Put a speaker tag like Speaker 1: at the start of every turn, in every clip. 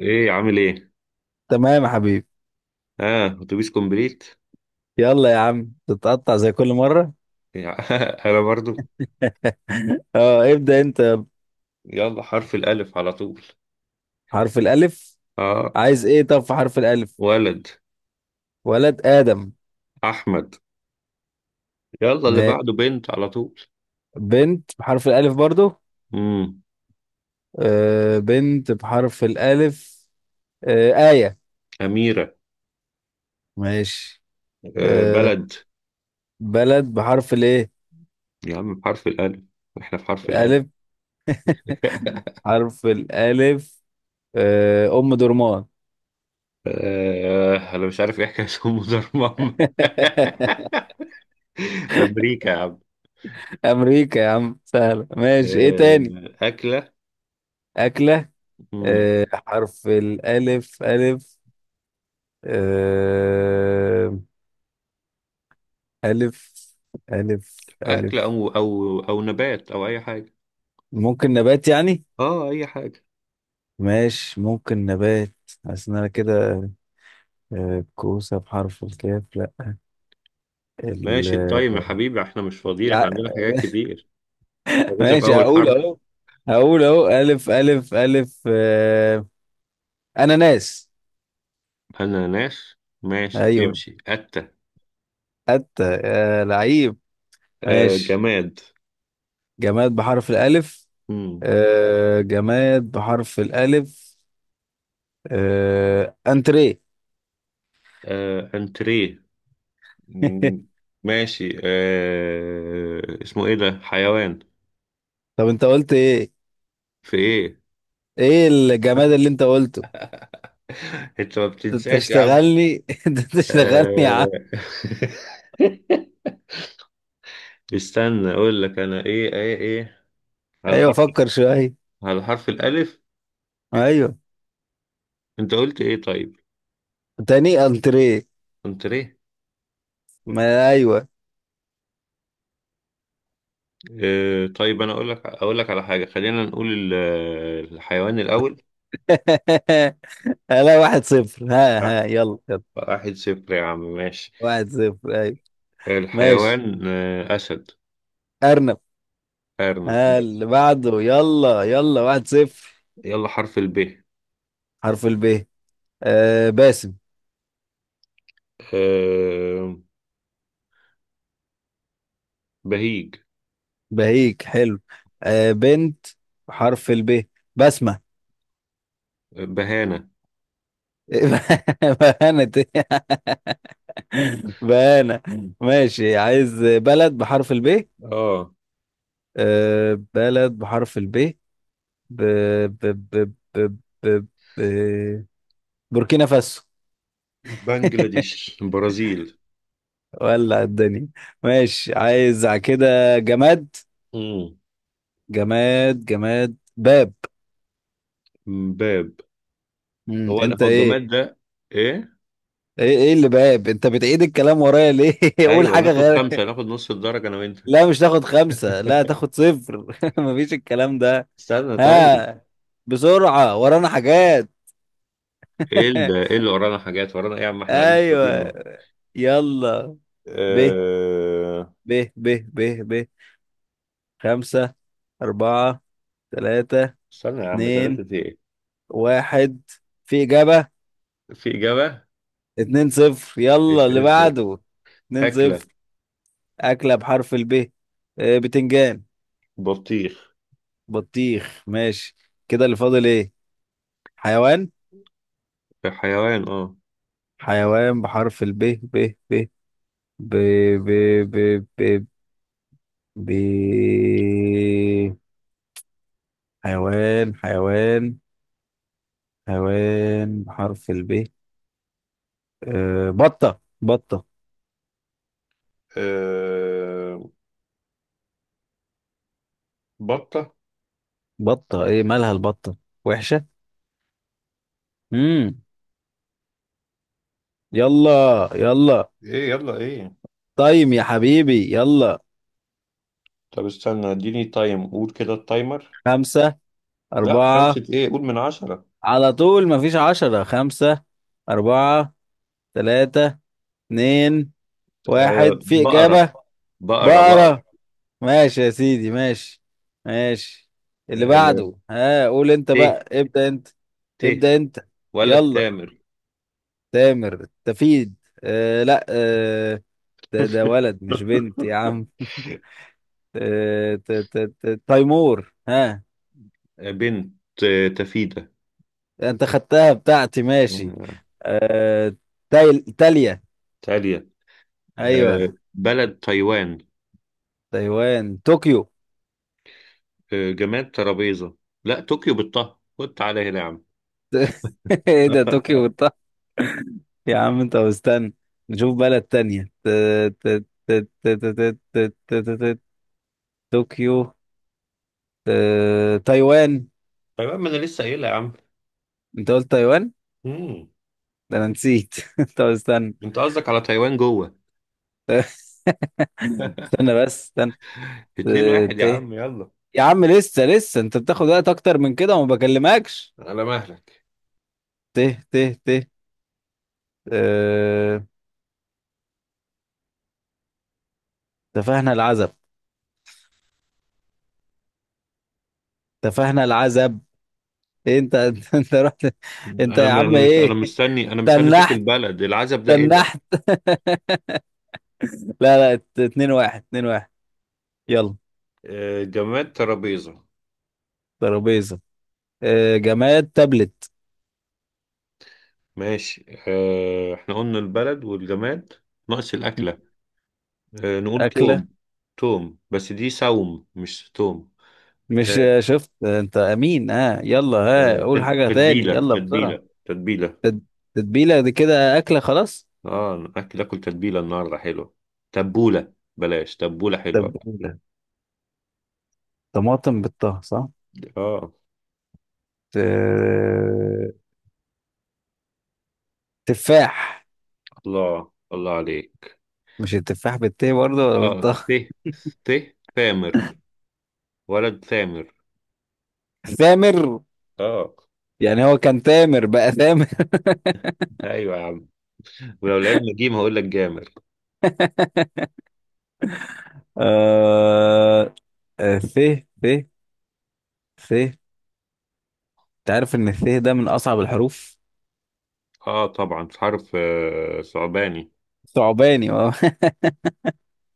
Speaker 1: ايه عامل ايه؟
Speaker 2: تمام يا حبيبي.
Speaker 1: اه اتوبيس كومبليت.
Speaker 2: يلا يا عم تتقطع زي كل مرة.
Speaker 1: انا برضو.
Speaker 2: اه، ابدأ انت.
Speaker 1: يلا، حرف الالف على طول.
Speaker 2: حرف الألف.
Speaker 1: اه
Speaker 2: عايز ايه طب في حرف الألف؟
Speaker 1: ولد،
Speaker 2: ولد آدم.
Speaker 1: احمد. يلا اللي
Speaker 2: ماشي.
Speaker 1: بعده بنت على طول.
Speaker 2: بنت بحرف الألف برضو.
Speaker 1: امم
Speaker 2: بنت بحرف الألف. آية.
Speaker 1: اميره.
Speaker 2: ماشي.
Speaker 1: آه،
Speaker 2: آه
Speaker 1: بلد.
Speaker 2: بلد بحرف الايه.
Speaker 1: يا عم بحرف الالف، احنا في حرف الالف.
Speaker 2: ألف. حرف الألف. أم درمان.
Speaker 1: آه، انا مش عارف ايه حكايه ام دار ماما. امريكا يا عم.
Speaker 2: أمريكا يا عم سهلة. ماشي، ايه تاني؟
Speaker 1: آه، اكله.
Speaker 2: أكلة.
Speaker 1: امم.
Speaker 2: حرف الألف ألف. آه، ألف ألف
Speaker 1: اكله
Speaker 2: ألف.
Speaker 1: او نبات او اي حاجه.
Speaker 2: ممكن نبات يعني.
Speaker 1: اه، اي حاجه.
Speaker 2: ماشي، ممكن نبات. حاسس إن أنا كده كوسة بحرف الكاف لا. ال-
Speaker 1: ماشي، التايم يا حبيبي، احنا مش فاضيين، احنا
Speaker 2: يع-
Speaker 1: عندنا حاجات كتير. يا باشا، في
Speaker 2: ماشي،
Speaker 1: أول
Speaker 2: هقول
Speaker 1: حرف.
Speaker 2: أهو. هقول أهو ألف ألف ألف أناناس.
Speaker 1: أناناس. ماشي
Speaker 2: أيوه.
Speaker 1: تمشي أتة.
Speaker 2: أتى لعيب.
Speaker 1: آه،
Speaker 2: ماشي.
Speaker 1: جماد.
Speaker 2: جماد بحرف الألف.
Speaker 1: مم.
Speaker 2: جماد بحرف الألف. أنتريه.
Speaker 1: آه، أنتريه. مم. ماشي. آه، اسمه إيه ده حيوان؟
Speaker 2: طب أنت قلت إيه؟
Speaker 1: في إيه؟
Speaker 2: ايه الجماد اللي انت قلته؟
Speaker 1: أنت ما
Speaker 2: انت
Speaker 1: بتنساش يا عم.
Speaker 2: تشتغلني. انت تشتغلني يا عم.
Speaker 1: آه. استنى أقول لك أنا إيه. على
Speaker 2: ايوه
Speaker 1: حرف،
Speaker 2: فكر شويه.
Speaker 1: على حرف الألف.
Speaker 2: ايوه.
Speaker 1: أنت قلت إيه طيب؟
Speaker 2: تاني انتريه.
Speaker 1: أنتريه.
Speaker 2: ما ايوه.
Speaker 1: آه، طيب انا اقول لك على حاجه، خلينا نقول الحيوان الاول.
Speaker 2: لا، 1-0. ها
Speaker 1: لا،
Speaker 2: ها، يلا يلا.
Speaker 1: 1-0 يا عم ماشي.
Speaker 2: 1-0. ايوه. ماشي.
Speaker 1: الحيوان، آه، اسد.
Speaker 2: ارنب.
Speaker 1: ارنب
Speaker 2: ها، اللي
Speaker 1: ماشي.
Speaker 2: بعده، يلا يلا. 1-0.
Speaker 1: يلا حرف الب.
Speaker 2: حرف الب. باسم.
Speaker 1: آه، بهيج.
Speaker 2: بهيك حلو. بنت. حرف الب. بسمة.
Speaker 1: بهانه.
Speaker 2: انا بانا. ماشي، عايز بلد بحرف الب.
Speaker 1: اه،
Speaker 2: بلد بحرف الب. ب... ب... ب... ب... ب... ب... بوركينا فاسو.
Speaker 1: بنجلاديش، برازيل.
Speaker 2: ولع الدنيا. ماشي، عايز على كده جماد.
Speaker 1: مم.
Speaker 2: جماد جماد، باب.
Speaker 1: باب. هو
Speaker 2: انت
Speaker 1: هو
Speaker 2: ايه؟
Speaker 1: الجماد ده ايه؟
Speaker 2: ايه ايه اللي باب، انت بتعيد الكلام ورايا ليه؟ قول
Speaker 1: ايوه
Speaker 2: حاجة
Speaker 1: ناخد
Speaker 2: غير.
Speaker 1: خمسه، ناخد نص الدرجه انا وانت.
Speaker 2: لا، مش تاخد خمسة، لا، تاخد صفر. مفيش الكلام ده.
Speaker 1: استنى طيب.
Speaker 2: ها، بسرعة، ورانا حاجات.
Speaker 1: ايه اللي ورانا حاجات، ورانا ايه يا عم، احنا قاعدين فاضيين.
Speaker 2: ايوه. يلا. ب
Speaker 1: أه...
Speaker 2: ب ب ب ب خمسة، أربعة، ثلاثة،
Speaker 1: استنى يا عم،
Speaker 2: اتنين،
Speaker 1: ثلاثة ايه؟
Speaker 2: واحد. في إجابة.
Speaker 1: في إجابة.
Speaker 2: 2-0، يلا اللي
Speaker 1: ازاي؟
Speaker 2: بعده. 2-0.
Speaker 1: أكلة.
Speaker 2: أكلة بحرف الب. بتنجان.
Speaker 1: بطيخ.
Speaker 2: بطيخ. ماشي. كده اللي فاضل ايه؟ حيوان.
Speaker 1: حيوان، اه.
Speaker 2: حيوان بحرف الب. ب ب ب ب ب ب ب حيوان، حيوان، حيوان بحرف الب. أه، بطة بطة.
Speaker 1: أه... بطة.
Speaker 2: بطة ايه مالها البطة؟ وحشة. امم يلا يلا.
Speaker 1: ايه يلا ايه؟
Speaker 2: طيب يا حبيبي، يلا.
Speaker 1: طب استنى، اديني تايم، قول كده التايمر.
Speaker 2: خمسة،
Speaker 1: لا
Speaker 2: أربعة.
Speaker 1: خمسة ايه، قول من 10.
Speaker 2: على طول مفيش 10. خمسة، أربعة، تلاتة، اتنين، واحد. في
Speaker 1: بقرة،
Speaker 2: إجابة.
Speaker 1: بقرة، بقرة.
Speaker 2: بقرة. ماشي يا سيدي، ماشي. ماشي. اللي
Speaker 1: أه...
Speaker 2: بعده. ها، قول انت
Speaker 1: ت
Speaker 2: بقى، ابدأ انت.
Speaker 1: ت
Speaker 2: ابدأ انت.
Speaker 1: ولا
Speaker 2: يلا.
Speaker 1: التامر.
Speaker 2: تامر تفيد آه لا آه ده ده ولد مش بنت يا عم. تيمور. ها.
Speaker 1: بنت. آه، تفيدة.
Speaker 2: انت خدتها بتاعتي. ماشي.
Speaker 1: آه،
Speaker 2: آه، تايل تاليا.
Speaker 1: تالية. آه،
Speaker 2: ايوه.
Speaker 1: بلد، تايوان.
Speaker 2: تايوان، طوكيو.
Speaker 1: آه، جماد، ترابيزة. لا طوكيو بالطه، خد تعالى هنا يا عم.
Speaker 2: ايه ده، يا عم انت مستني. نشوف بلد تانية. ت- ت- ت- ت- ت- ت- ت- ت- ت- ت- طوكيو. تايوان.
Speaker 1: تايوان، ما انا لسه قايلها يا عم.
Speaker 2: انت قلت تايوان.
Speaker 1: مم.
Speaker 2: ده انا نسيت. انت استنى.
Speaker 1: انت قصدك على تايوان جوه؟
Speaker 2: استنى بس استنى.
Speaker 1: اتنين
Speaker 2: ت-
Speaker 1: واحد يا
Speaker 2: ت-
Speaker 1: عم يلا.
Speaker 2: يا عم لسه لسه، انت بتاخد وقت اكتر من كده وما بكلمكش.
Speaker 1: على مهلك.
Speaker 2: ته ته ته اه... تفاهنا العزب. تفاهنا العزب. إيه انت. انت رحت. انت
Speaker 1: انا
Speaker 2: يا
Speaker 1: م-
Speaker 2: عم
Speaker 1: انا مش انا
Speaker 2: ايه؟
Speaker 1: مستني انا مستني اشوف
Speaker 2: تنحت.
Speaker 1: البلد العزب ده ايه ده؟
Speaker 2: تنحت. لا لا، اتنين واحد، اتنين واحد. يلا.
Speaker 1: آه، جماد، ترابيزة.
Speaker 2: ترابيزة. اه... جماد تابلت.
Speaker 1: ماشي، آه، احنا قلنا البلد والجماد. ناقص الاكلة. آه، نقول
Speaker 2: أكلة.
Speaker 1: توم. توم، بس دي سوم مش توم.
Speaker 2: مش
Speaker 1: آه،
Speaker 2: شفت انت امين. اه يلا،
Speaker 1: آه،
Speaker 2: ها، قول حاجة تاني
Speaker 1: تتبيلة،
Speaker 2: يلا بسرعة.
Speaker 1: تتبيلة، تتبيلة.
Speaker 2: تتبيلة دي كده أكلة خلاص.
Speaker 1: اه، الاكل اكل تتبيله النهارده حلوه. تبوله، بلاش، تبوله حلوه.
Speaker 2: تتبيلة طماطم بالطه، صح؟
Speaker 1: اه،
Speaker 2: ت- تفاح.
Speaker 1: الله الله عليك.
Speaker 2: مش التفاح بالتاء برضه ولا
Speaker 1: اه
Speaker 2: بالطه؟
Speaker 1: ته ته ثامر. ولد ثامر.
Speaker 2: ثامر.
Speaker 1: اه.
Speaker 2: يعني هو كان تامر بقى ثامر.
Speaker 1: ايوه يا عم. ولو لعبنا جيم هقول لك جامر.
Speaker 2: آه... آه... ث ث ث انت عارف ان الث ده من اصعب الحروف.
Speaker 1: اه، طبعا في حرف صعباني.
Speaker 2: ثعباني اه.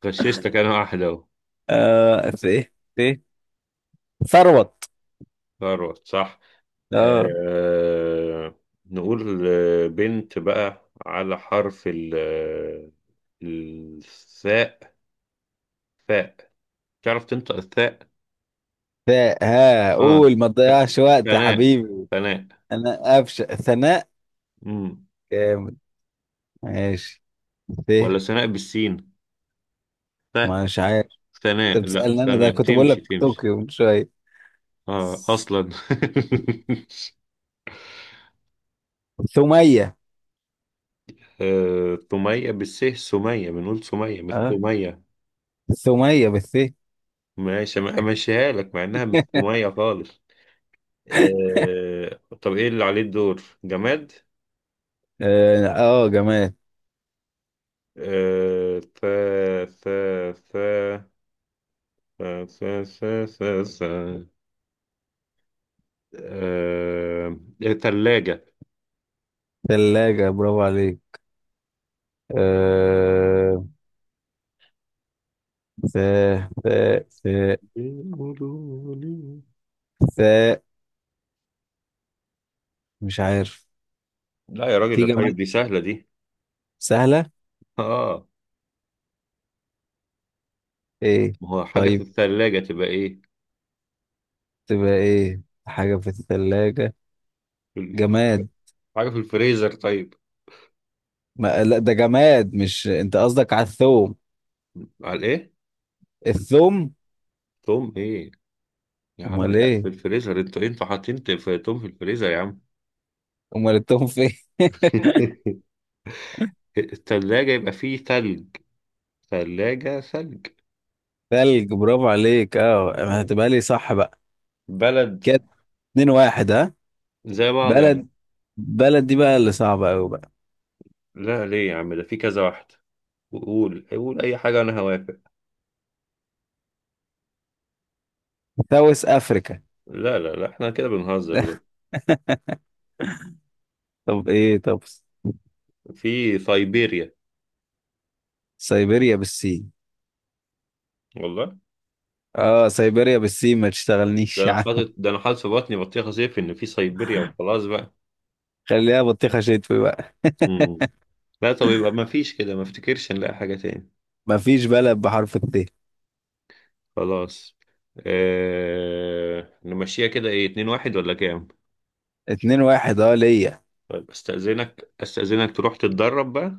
Speaker 1: غششتك، انا واحده اهو.
Speaker 2: آه، ث ث ثروت.
Speaker 1: خلاص، صح.
Speaker 2: اه.
Speaker 1: آه. نقول، آه، بنت بقى على حرف ال آه، الثاء. ثاء. تعرف تنطق الثاء؟
Speaker 2: ثاء. ها
Speaker 1: اه،
Speaker 2: قول، ما تضيعش وقت يا
Speaker 1: ثناء،
Speaker 2: حبيبي.
Speaker 1: ثناء.
Speaker 2: انا قفشه ثناء.
Speaker 1: امم.
Speaker 2: جامد. ماشي. ث
Speaker 1: ولا ثناء بالسين؟ ثاء.
Speaker 2: مش عارف. انت
Speaker 1: ثناء، لا،
Speaker 2: بتسألني، انا ده
Speaker 1: ثناء
Speaker 2: كنت بقول
Speaker 1: تمشي
Speaker 2: لك
Speaker 1: تمشي.
Speaker 2: طوكيو من شويه.
Speaker 1: اه،
Speaker 2: ث-
Speaker 1: اصلا.
Speaker 2: ثمية.
Speaker 1: آه، ثمية بالس، سمية، بنقول سمية مش
Speaker 2: اه.
Speaker 1: ثمية.
Speaker 2: ثومية بالث.
Speaker 1: ماشي، امشيها لك مع انها مش ثمية خالص. آه طب ايه اللي عليه الدور؟ جماد.
Speaker 2: اه. جماد
Speaker 1: آه، ف ف ف ف ف ف ف ف آه، تلاجة.
Speaker 2: ثلاجة. برافو عليك. آه ث ث ث
Speaker 1: بيقولوا لي.
Speaker 2: ث مش عارف.
Speaker 1: لا يا
Speaker 2: في
Speaker 1: راجل، طيب
Speaker 2: جماد
Speaker 1: دي سهلة دي.
Speaker 2: سهلة؟
Speaker 1: اه.
Speaker 2: ايه؟
Speaker 1: ما هو حاجة في
Speaker 2: طيب،
Speaker 1: الثلاجة تبقى ايه؟
Speaker 2: تبقى ايه حاجة في الثلاجة؟
Speaker 1: في ال-
Speaker 2: جماد.
Speaker 1: حاجة في الفريزر طيب.
Speaker 2: ما لا ده جماد. مش انت قصدك على الثوم؟
Speaker 1: على ايه؟
Speaker 2: الثوم.
Speaker 1: توم ايه؟ يا عم
Speaker 2: امال
Speaker 1: لا،
Speaker 2: ايه؟
Speaker 1: في الفريزر انتوا إيه؟ انتوا حاطين في توم، في الفريزر يا عم.
Speaker 2: امال الثوم فين؟
Speaker 1: الثلاجة يبقى فيه ثلج. ثلاجة، ثلج.
Speaker 2: ثلج، برافو عليك. اه،
Speaker 1: آه.
Speaker 2: هتبقى لي صح بقى.
Speaker 1: بلد.
Speaker 2: كده 2-1، ها.
Speaker 1: زي بعض يا عم.
Speaker 2: بلد. بلد دي بقى اللي صعبة أوي.
Speaker 1: لا ليه يا عم، ده في كذا واحد. قول قول اي حاجة، انا هوافق.
Speaker 2: ساوث افريكا.
Speaker 1: لا لا لا، احنا كده بنهزر بقى.
Speaker 2: طب ايه، طب.
Speaker 1: في سيبيريا.
Speaker 2: سيبيريا بالسين.
Speaker 1: والله.
Speaker 2: اه سيبيريا بالسين، ما
Speaker 1: ده
Speaker 2: تشتغلنيش يا
Speaker 1: انا
Speaker 2: عم.
Speaker 1: حاطط ده انا حاطط في بطني بطيخه صيف ان في سيبيريا وخلاص بقى.
Speaker 2: خليها بطيخه شتوي بقى.
Speaker 1: امم. لا طب، يبقى ما فيش كده، ما افتكرش نلاقي حاجه تاني.
Speaker 2: مفيش بلد بحرف الت.
Speaker 1: خلاص. نمشيها كده، ايه 2-1 ولا كام؟
Speaker 2: اتنين واحد، اه، ليا.
Speaker 1: طيب استأذنك، استأذنك تروح تتدرب بقى.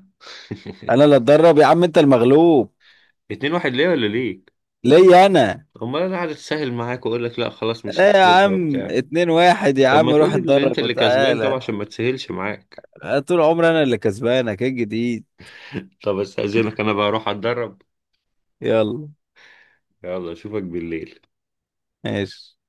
Speaker 2: انا اللي اتدرب يا عم، انت المغلوب.
Speaker 1: 2-1، ليه ولا ليك؟
Speaker 2: ليا انا.
Speaker 1: امال انا قاعد اتسهل معاك، واقول لك لا خلاص مش
Speaker 2: ايه يا
Speaker 1: هحسبها
Speaker 2: عم،
Speaker 1: وبتاع.
Speaker 2: 2-1 يا
Speaker 1: طب ما
Speaker 2: عم، روح
Speaker 1: تقول ان انت
Speaker 2: اتدرب
Speaker 1: اللي كسبان طبعا،
Speaker 2: وتعالى.
Speaker 1: عشان ما تسهلش معاك.
Speaker 2: طول عمري انا اللي كسبانك، ايه الجديد؟
Speaker 1: طب استأذنك انا بقى، اروح اتدرب.
Speaker 2: يلا.
Speaker 1: يلا، اشوفك بالليل.
Speaker 2: ماشي.